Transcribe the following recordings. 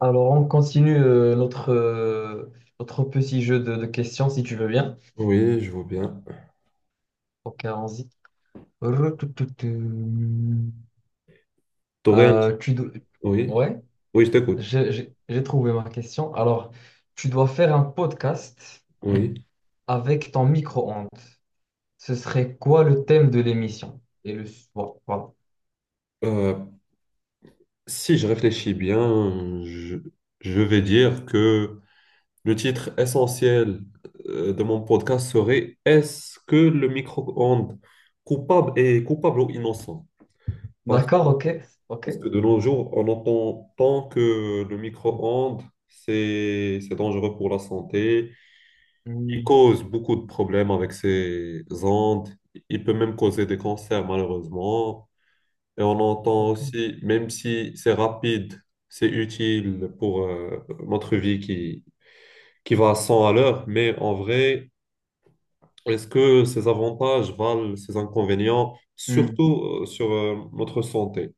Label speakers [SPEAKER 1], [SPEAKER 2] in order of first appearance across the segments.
[SPEAKER 1] Alors, on continue notre, notre petit jeu de questions, si tu veux bien.
[SPEAKER 2] Oui, je vois bien.
[SPEAKER 1] Ok, allons-y. Retoutoutoutou.
[SPEAKER 2] T'aurais un...
[SPEAKER 1] Euh, tu dois-
[SPEAKER 2] Oui,
[SPEAKER 1] Ouais,
[SPEAKER 2] oui, je t'écoute.
[SPEAKER 1] j'ai trouvé ma question. Alors, tu dois faire un podcast
[SPEAKER 2] Oui.
[SPEAKER 1] avec ton micro-ondes. Ce serait quoi le thème de l'émission? Et le... Bon, voilà, voilà.
[SPEAKER 2] Euh, Si je réfléchis bien, je vais dire que le titre essentiel de mon podcast serait « Est-ce que le micro-ondes coupable est coupable ou innocent? » Parce,
[SPEAKER 1] D'accord, ok, ok.
[SPEAKER 2] parce que de nos jours, on entend tant que le micro-ondes, c'est dangereux pour la santé. Il
[SPEAKER 1] Hmm,
[SPEAKER 2] cause beaucoup de problèmes avec ses ondes. Il peut même causer des cancers, malheureusement. Et on entend
[SPEAKER 1] ok.
[SPEAKER 2] aussi, même si c'est rapide, c'est utile pour notre vie qui va à 100 à l'heure, mais en vrai, est-ce que ces avantages valent ces inconvénients,
[SPEAKER 1] Hmm,
[SPEAKER 2] surtout sur notre santé?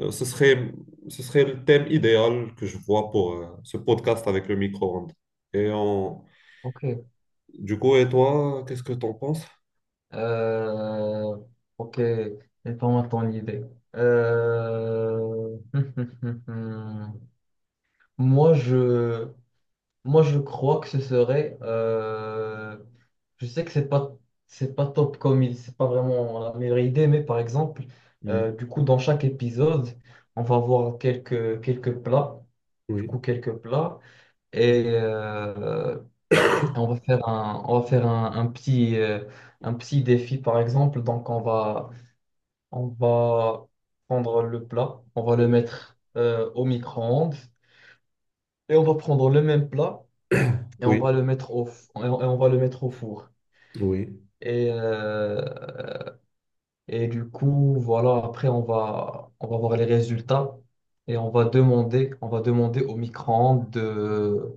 [SPEAKER 2] Euh, ce serait, ce serait le thème idéal que je vois pour ce podcast avec le micro-ondes. Et on-
[SPEAKER 1] ok.
[SPEAKER 2] du coup, et toi, qu'est-ce que t'en penses?
[SPEAKER 1] Euh, ok, donne-moi ton idée. Euh, Moi, je, moi, je crois que ce serait. Euh, je sais que c'est pas, c'est pas vraiment la meilleure idée, mais par exemple,
[SPEAKER 2] Hmm.
[SPEAKER 1] du coup, dans chaque épisode, on va voir quelques plats, du
[SPEAKER 2] Oui,
[SPEAKER 1] coup, quelques plats, et on va faire un, un petit défi, par exemple. Donc, on va prendre le plat, on va le
[SPEAKER 2] oui,
[SPEAKER 1] mettre au micro-ondes et on va prendre le même plat et on va
[SPEAKER 2] oui,
[SPEAKER 1] le mettre et on va le mettre au four.
[SPEAKER 2] oui.
[SPEAKER 1] Et, euh, et du coup, voilà, après on va voir les résultats et on va demander au micro-ondes de,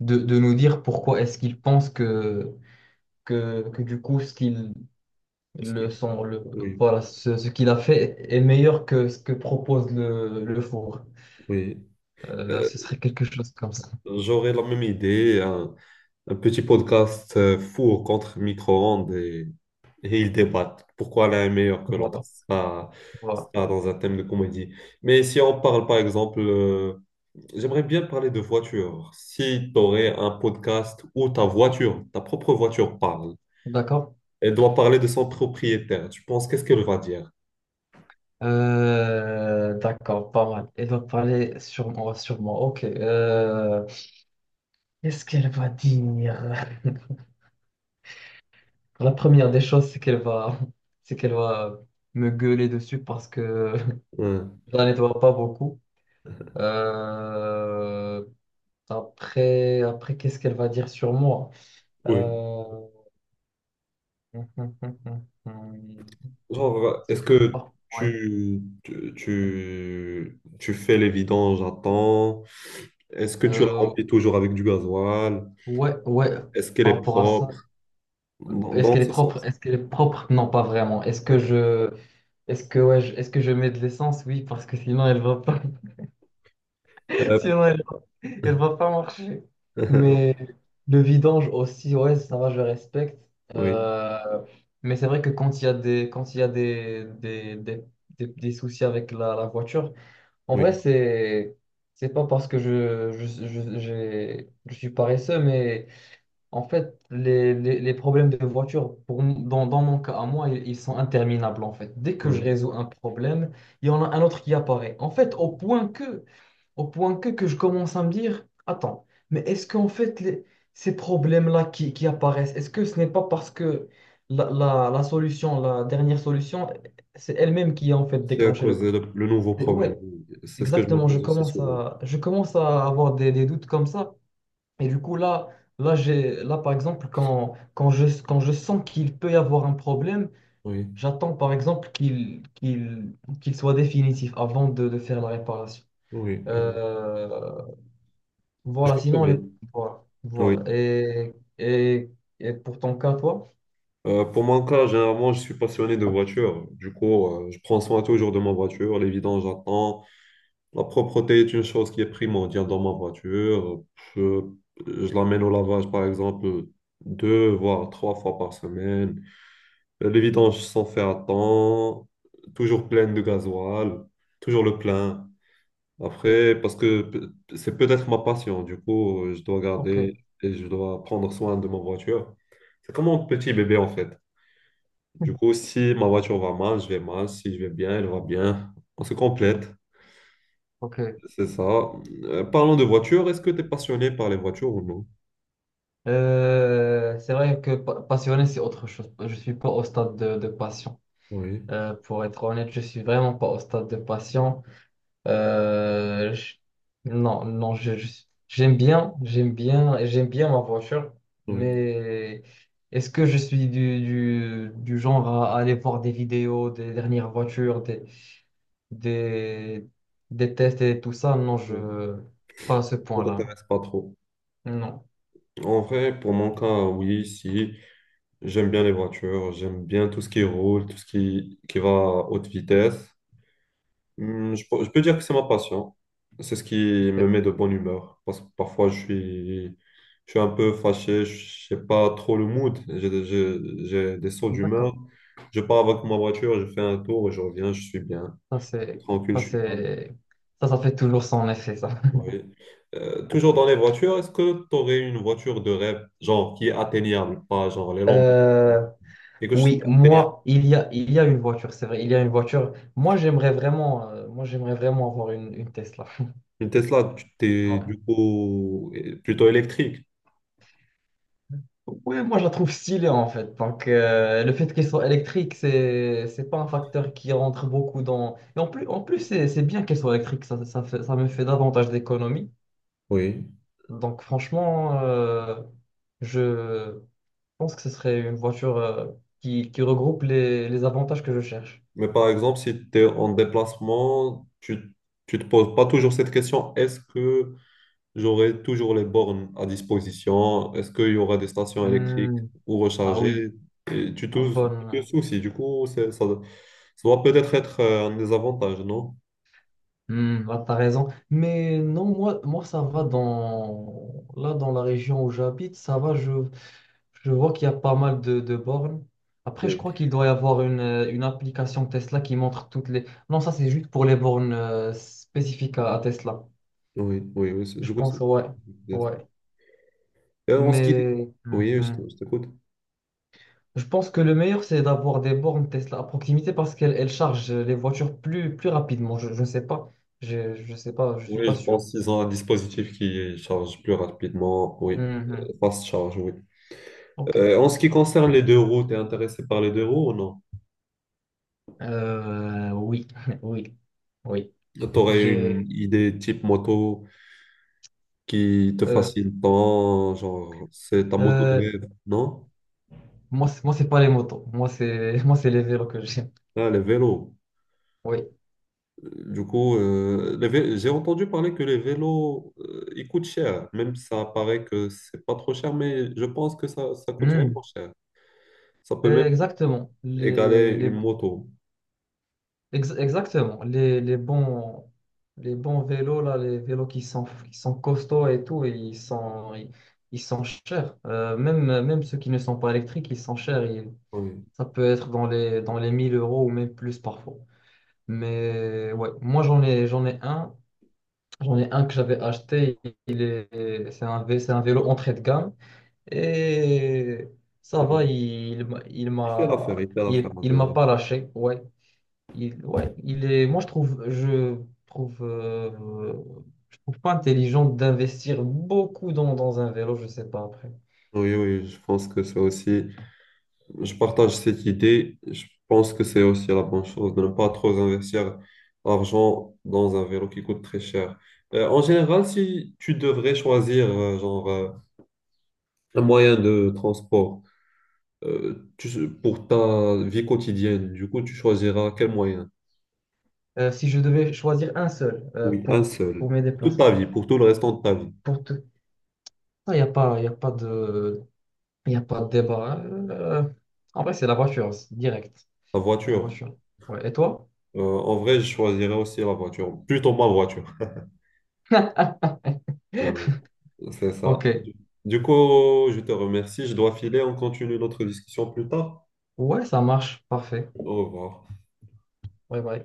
[SPEAKER 1] de, de nous dire pourquoi est-ce qu'il pense que du coup ce qu'il
[SPEAKER 2] Ce
[SPEAKER 1] le
[SPEAKER 2] qui-
[SPEAKER 1] son, le,
[SPEAKER 2] oui,
[SPEAKER 1] voilà, ce qu'il a fait est meilleur que ce que propose le four.
[SPEAKER 2] oui. Euh,
[SPEAKER 1] Ce serait quelque chose comme ça.
[SPEAKER 2] J'aurais la même idée, hein. Un petit podcast four contre micro-ondes et ils débattent pourquoi l'un est meilleur que l'autre.
[SPEAKER 1] Voilà. Voilà.
[SPEAKER 2] Ça dans un thème de comédie. Mais si on parle par exemple, j'aimerais bien parler de voiture. Si tu aurais un podcast où ta voiture, ta propre voiture parle,
[SPEAKER 1] D'accord.
[SPEAKER 2] elle doit parler de son propriétaire, tu penses qu'est-ce qu'elle va dire?
[SPEAKER 1] D'accord, pas mal. Elle va parler sur moi, sur moi. Ok. Euh, qu'est-ce qu'elle va dire? La première des choses, c'est qu'elle va me gueuler dessus parce que
[SPEAKER 2] Hein.
[SPEAKER 1] je la nettoie pas beaucoup. Euh, après, qu'est-ce qu'elle va dire sur moi?
[SPEAKER 2] Oui.
[SPEAKER 1] Euh,
[SPEAKER 2] Genre, est-ce que
[SPEAKER 1] ouais.
[SPEAKER 2] tu fais les vidanges à temps? Est-ce que tu la
[SPEAKER 1] Euh,
[SPEAKER 2] remplis toujours avec du gasoil?
[SPEAKER 1] ouais,
[SPEAKER 2] Est-ce qu'elle
[SPEAKER 1] par
[SPEAKER 2] est
[SPEAKER 1] rapport à ça.
[SPEAKER 2] propre?
[SPEAKER 1] Est-ce
[SPEAKER 2] Dans
[SPEAKER 1] qu'elle est
[SPEAKER 2] ce
[SPEAKER 1] propre?
[SPEAKER 2] sens.
[SPEAKER 1] Est-ce qu'elle est propre? Non, pas vraiment. Est-ce que je mets de l'essence? Oui, parce que sinon elle va pas,
[SPEAKER 2] Euh,
[SPEAKER 1] sinon elle va, elle va pas marcher. Mais le vidange aussi, ouais, ça va, je respecte.
[SPEAKER 2] oui,
[SPEAKER 1] Euh, mais c'est vrai que quand il y a des soucis avec la voiture, en vrai,
[SPEAKER 2] oui,
[SPEAKER 1] c'est pas parce que je suis paresseux, mais en fait, les problèmes de voiture, dans mon cas à moi, ils sont interminables en fait. Dès que je
[SPEAKER 2] oui.
[SPEAKER 1] résous un problème, il y en a un autre qui apparaît. En fait, que je commence à me dire, attends, mais est-ce qu'en fait, ces problèmes-là qui apparaissent, est-ce que ce n'est pas parce que la solution, la dernière solution, c'est elle-même qui a en fait
[SPEAKER 2] C'est à
[SPEAKER 1] déclenché le
[SPEAKER 2] cause de
[SPEAKER 1] problème?
[SPEAKER 2] le nouveau
[SPEAKER 1] Et
[SPEAKER 2] problème.
[SPEAKER 1] ouais,
[SPEAKER 2] C'est ce que je me
[SPEAKER 1] exactement,
[SPEAKER 2] pose aussi souvent.
[SPEAKER 1] je commence à avoir des doutes comme ça. Et du coup, là, là par exemple, quand je sens qu'il peut y avoir un problème,
[SPEAKER 2] Oui,
[SPEAKER 1] j'attends, par exemple, qu'il soit définitif avant de faire la réparation.
[SPEAKER 2] oui, oui.
[SPEAKER 1] Euh,
[SPEAKER 2] Je
[SPEAKER 1] voilà,
[SPEAKER 2] comprends
[SPEAKER 1] sinon,
[SPEAKER 2] bien.
[SPEAKER 1] voilà,
[SPEAKER 2] Oui.
[SPEAKER 1] voilà. Et, et pour ton cas, toi?
[SPEAKER 2] Pour mon cas, généralement, je suis passionné de voiture. Du coup, je prends soin toujours de ma voiture. Les vidanges, j'attends. La propreté est une chose qui est primordiale dans ma voiture. Je, je l'amène au lavage, par exemple, deux voire trois fois par semaine. Les vidanges sont faites à temps, toujours pleines de gasoil, toujours le plein.
[SPEAKER 1] Ok,
[SPEAKER 2] Après, parce que p- C'est peut-être ma passion, du coup, je dois
[SPEAKER 1] ok.
[SPEAKER 2] garder et je dois prendre soin de ma voiture. C'est comme un petit bébé en fait. Du coup, si ma voiture va mal, je vais mal. Si je vais bien, elle va bien. On se complète,
[SPEAKER 1] Ok.
[SPEAKER 2] c'est ça. Parlons de voiture, est-ce que tu es passionné par les voitures ou non?
[SPEAKER 1] C'est vrai que passionné, c'est autre chose. Je suis pas au stade de passion.
[SPEAKER 2] Oui,
[SPEAKER 1] Pour être honnête, je suis vraiment pas au stade de passion. Euh, je- Non, non, j'aime bien ma voiture,
[SPEAKER 2] oui.
[SPEAKER 1] mais est-ce que je suis du genre à aller voir des vidéos des dernières voitures, des, des tests et tout ça? Non,
[SPEAKER 2] Oui,
[SPEAKER 1] je, pas à ce
[SPEAKER 2] ça
[SPEAKER 1] point-là.
[SPEAKER 2] t'intéresse pas trop.
[SPEAKER 1] Non.
[SPEAKER 2] En vrai, pour mon cas, oui, si. J'aime bien les voitures, j'aime bien tout ce qui roule, tout ce qui va à haute vitesse. Hum. Je peux dire que c'est ma passion. C'est ce qui me
[SPEAKER 1] Ok.
[SPEAKER 2] met de bonne humeur. Parce que parfois, je suis un peu fâché, je n'ai pas trop le mood. J'ai des sauts d'humeur.
[SPEAKER 1] D'accord.
[SPEAKER 2] Je pars avec ma voiture, je fais un tour et je reviens, je suis bien.
[SPEAKER 1] Ça,
[SPEAKER 2] Je suis
[SPEAKER 1] c'est,
[SPEAKER 2] tranquille,
[SPEAKER 1] ça,
[SPEAKER 2] je suis calme.
[SPEAKER 1] c'est, ça, ça fait toujours son effet, ça.
[SPEAKER 2] Oui. Toujours dans les voitures, est-ce que tu aurais une voiture de rêve, genre qui est atteignable, pas genre les Lamborghini,
[SPEAKER 1] Euh,
[SPEAKER 2] quelque chose qui
[SPEAKER 1] Oui,
[SPEAKER 2] est atteignable?
[SPEAKER 1] moi, il y a une voiture, c'est vrai, il y a une voiture. Moi, j'aimerais vraiment avoir une Tesla.
[SPEAKER 2] Une Tesla, tu t'es
[SPEAKER 1] Ouais.
[SPEAKER 2] du coup plutôt électrique.
[SPEAKER 1] Ouais, moi, je la trouve stylée, en fait. Donc, le fait qu'elle soit électrique, c'est pas un facteur qui rentre beaucoup dans... Et en plus, c'est bien qu'elle soit électrique, ça me fait davantage d'économies.
[SPEAKER 2] Oui.
[SPEAKER 1] Donc, franchement, je pense que ce serait une voiture, qui regroupe les avantages que je cherche.
[SPEAKER 2] Mais par exemple, si tu es en déplacement, tu te poses pas toujours cette question, est-ce que j'aurai toujours les bornes à disposition? Est-ce qu'il y aura des stations électriques
[SPEAKER 1] Hmm.
[SPEAKER 2] ou
[SPEAKER 1] Ah oui,
[SPEAKER 2] recharger? Et
[SPEAKER 1] ah,
[SPEAKER 2] tu te
[SPEAKER 1] bonne.
[SPEAKER 2] soucies. Du coup, ça doit peut-être être un désavantage, non?
[SPEAKER 1] Hmm, là, t'as raison. Mais non, moi, ça va dans... Là, dans la région où j'habite, ça va, je vois qu'il y a pas mal de bornes. Après, je
[SPEAKER 2] Oui.
[SPEAKER 1] crois qu'il doit y avoir une application Tesla qui montre toutes les... Non, ça, c'est juste pour les bornes spécifiques à Tesla.
[SPEAKER 2] Oui, oui, oui.
[SPEAKER 1] Je
[SPEAKER 2] Du coup, c'est...
[SPEAKER 1] pense, ouais. Ouais.
[SPEAKER 2] Et en ce qui...
[SPEAKER 1] Mais hmm,
[SPEAKER 2] Oui,
[SPEAKER 1] hmm.
[SPEAKER 2] je t'écoute.
[SPEAKER 1] Je pense que le meilleur, c'est d'avoir des bornes Tesla à proximité parce qu'elles elles chargent les voitures plus, plus rapidement. Je ne sais pas. Je ne sais pas. Je suis
[SPEAKER 2] Oui,
[SPEAKER 1] pas
[SPEAKER 2] je
[SPEAKER 1] sûr.
[SPEAKER 2] pense qu'ils ont un dispositif qui charge plus rapidement. Oui,
[SPEAKER 1] Hmm, hmm.
[SPEAKER 2] fast charge, oui.
[SPEAKER 1] Ok.
[SPEAKER 2] En ce qui concerne les deux roues, t'es intéressé par les deux roues ou non?
[SPEAKER 1] Oui, oui, oui.
[SPEAKER 2] T'aurais une
[SPEAKER 1] J'ai.
[SPEAKER 2] idée type moto qui te
[SPEAKER 1] euh,
[SPEAKER 2] fascine tant, genre, c'est ta moto de
[SPEAKER 1] euh,
[SPEAKER 2] rêve, non?
[SPEAKER 1] moi, moi, c'est pas les motos. Moi, c'est moi, c'est les vélos que j'aime.
[SPEAKER 2] Ah, les vélos.
[SPEAKER 1] Oui.
[SPEAKER 2] J'ai entendu parler que les vélos, ils coûtent cher. Même ça paraît que c'est pas trop cher, mais je pense que ça coûte vraiment
[SPEAKER 1] Hmm.
[SPEAKER 2] cher. Ça peut même
[SPEAKER 1] Exactement.
[SPEAKER 2] égaler une moto.
[SPEAKER 1] Exactement. Les bons vélos là, les vélos qui sont costauds et tout, ils sont chers. Même ceux qui ne sont pas électriques, ils sont chers.
[SPEAKER 2] Oui.
[SPEAKER 1] Ça peut être dans les 1000 euros ou même plus parfois. Mais ouais, moi j'en ai un. J'en ai un que j'avais acheté, il est, c'est un vélo entrée de gamme et ça va,
[SPEAKER 2] Il fait l'affaire en
[SPEAKER 1] il m'a
[SPEAKER 2] général.
[SPEAKER 1] pas lâché, ouais. Ouais, moi je trouve, je trouve, je trouve pas intelligent d'investir beaucoup dans, dans un vélo, je sais pas après.
[SPEAKER 2] Oui, oui, je pense que c'est aussi, je partage cette idée. Je pense que c'est aussi la bonne chose de ne pas trop investir l'argent dans un vélo qui coûte très cher. En général, si tu devrais choisir un moyen de transport, pour ta vie quotidienne, du coup, tu choisiras quel moyen?
[SPEAKER 1] Si je devais choisir un seul
[SPEAKER 2] Oui, un seul.
[SPEAKER 1] pour mes
[SPEAKER 2] Pour toute ta
[SPEAKER 1] déplacements,
[SPEAKER 2] vie, pour tout le restant de ta vie.
[SPEAKER 1] pour tout, il y a pas, y a pas de débat, hein. En vrai, c'est la voiture, c'est direct.
[SPEAKER 2] La
[SPEAKER 1] La
[SPEAKER 2] voiture.
[SPEAKER 1] voiture. Ouais. Et toi?
[SPEAKER 2] En vrai, je choisirais aussi la voiture, plutôt ma voiture. Ah oui, c'est ça.
[SPEAKER 1] Ok.
[SPEAKER 2] Du coup, je te remercie. Je dois filer. On continue notre discussion plus tard.
[SPEAKER 1] Ouais, ça marche. Parfait.
[SPEAKER 2] Au revoir.
[SPEAKER 1] Ouais, bah,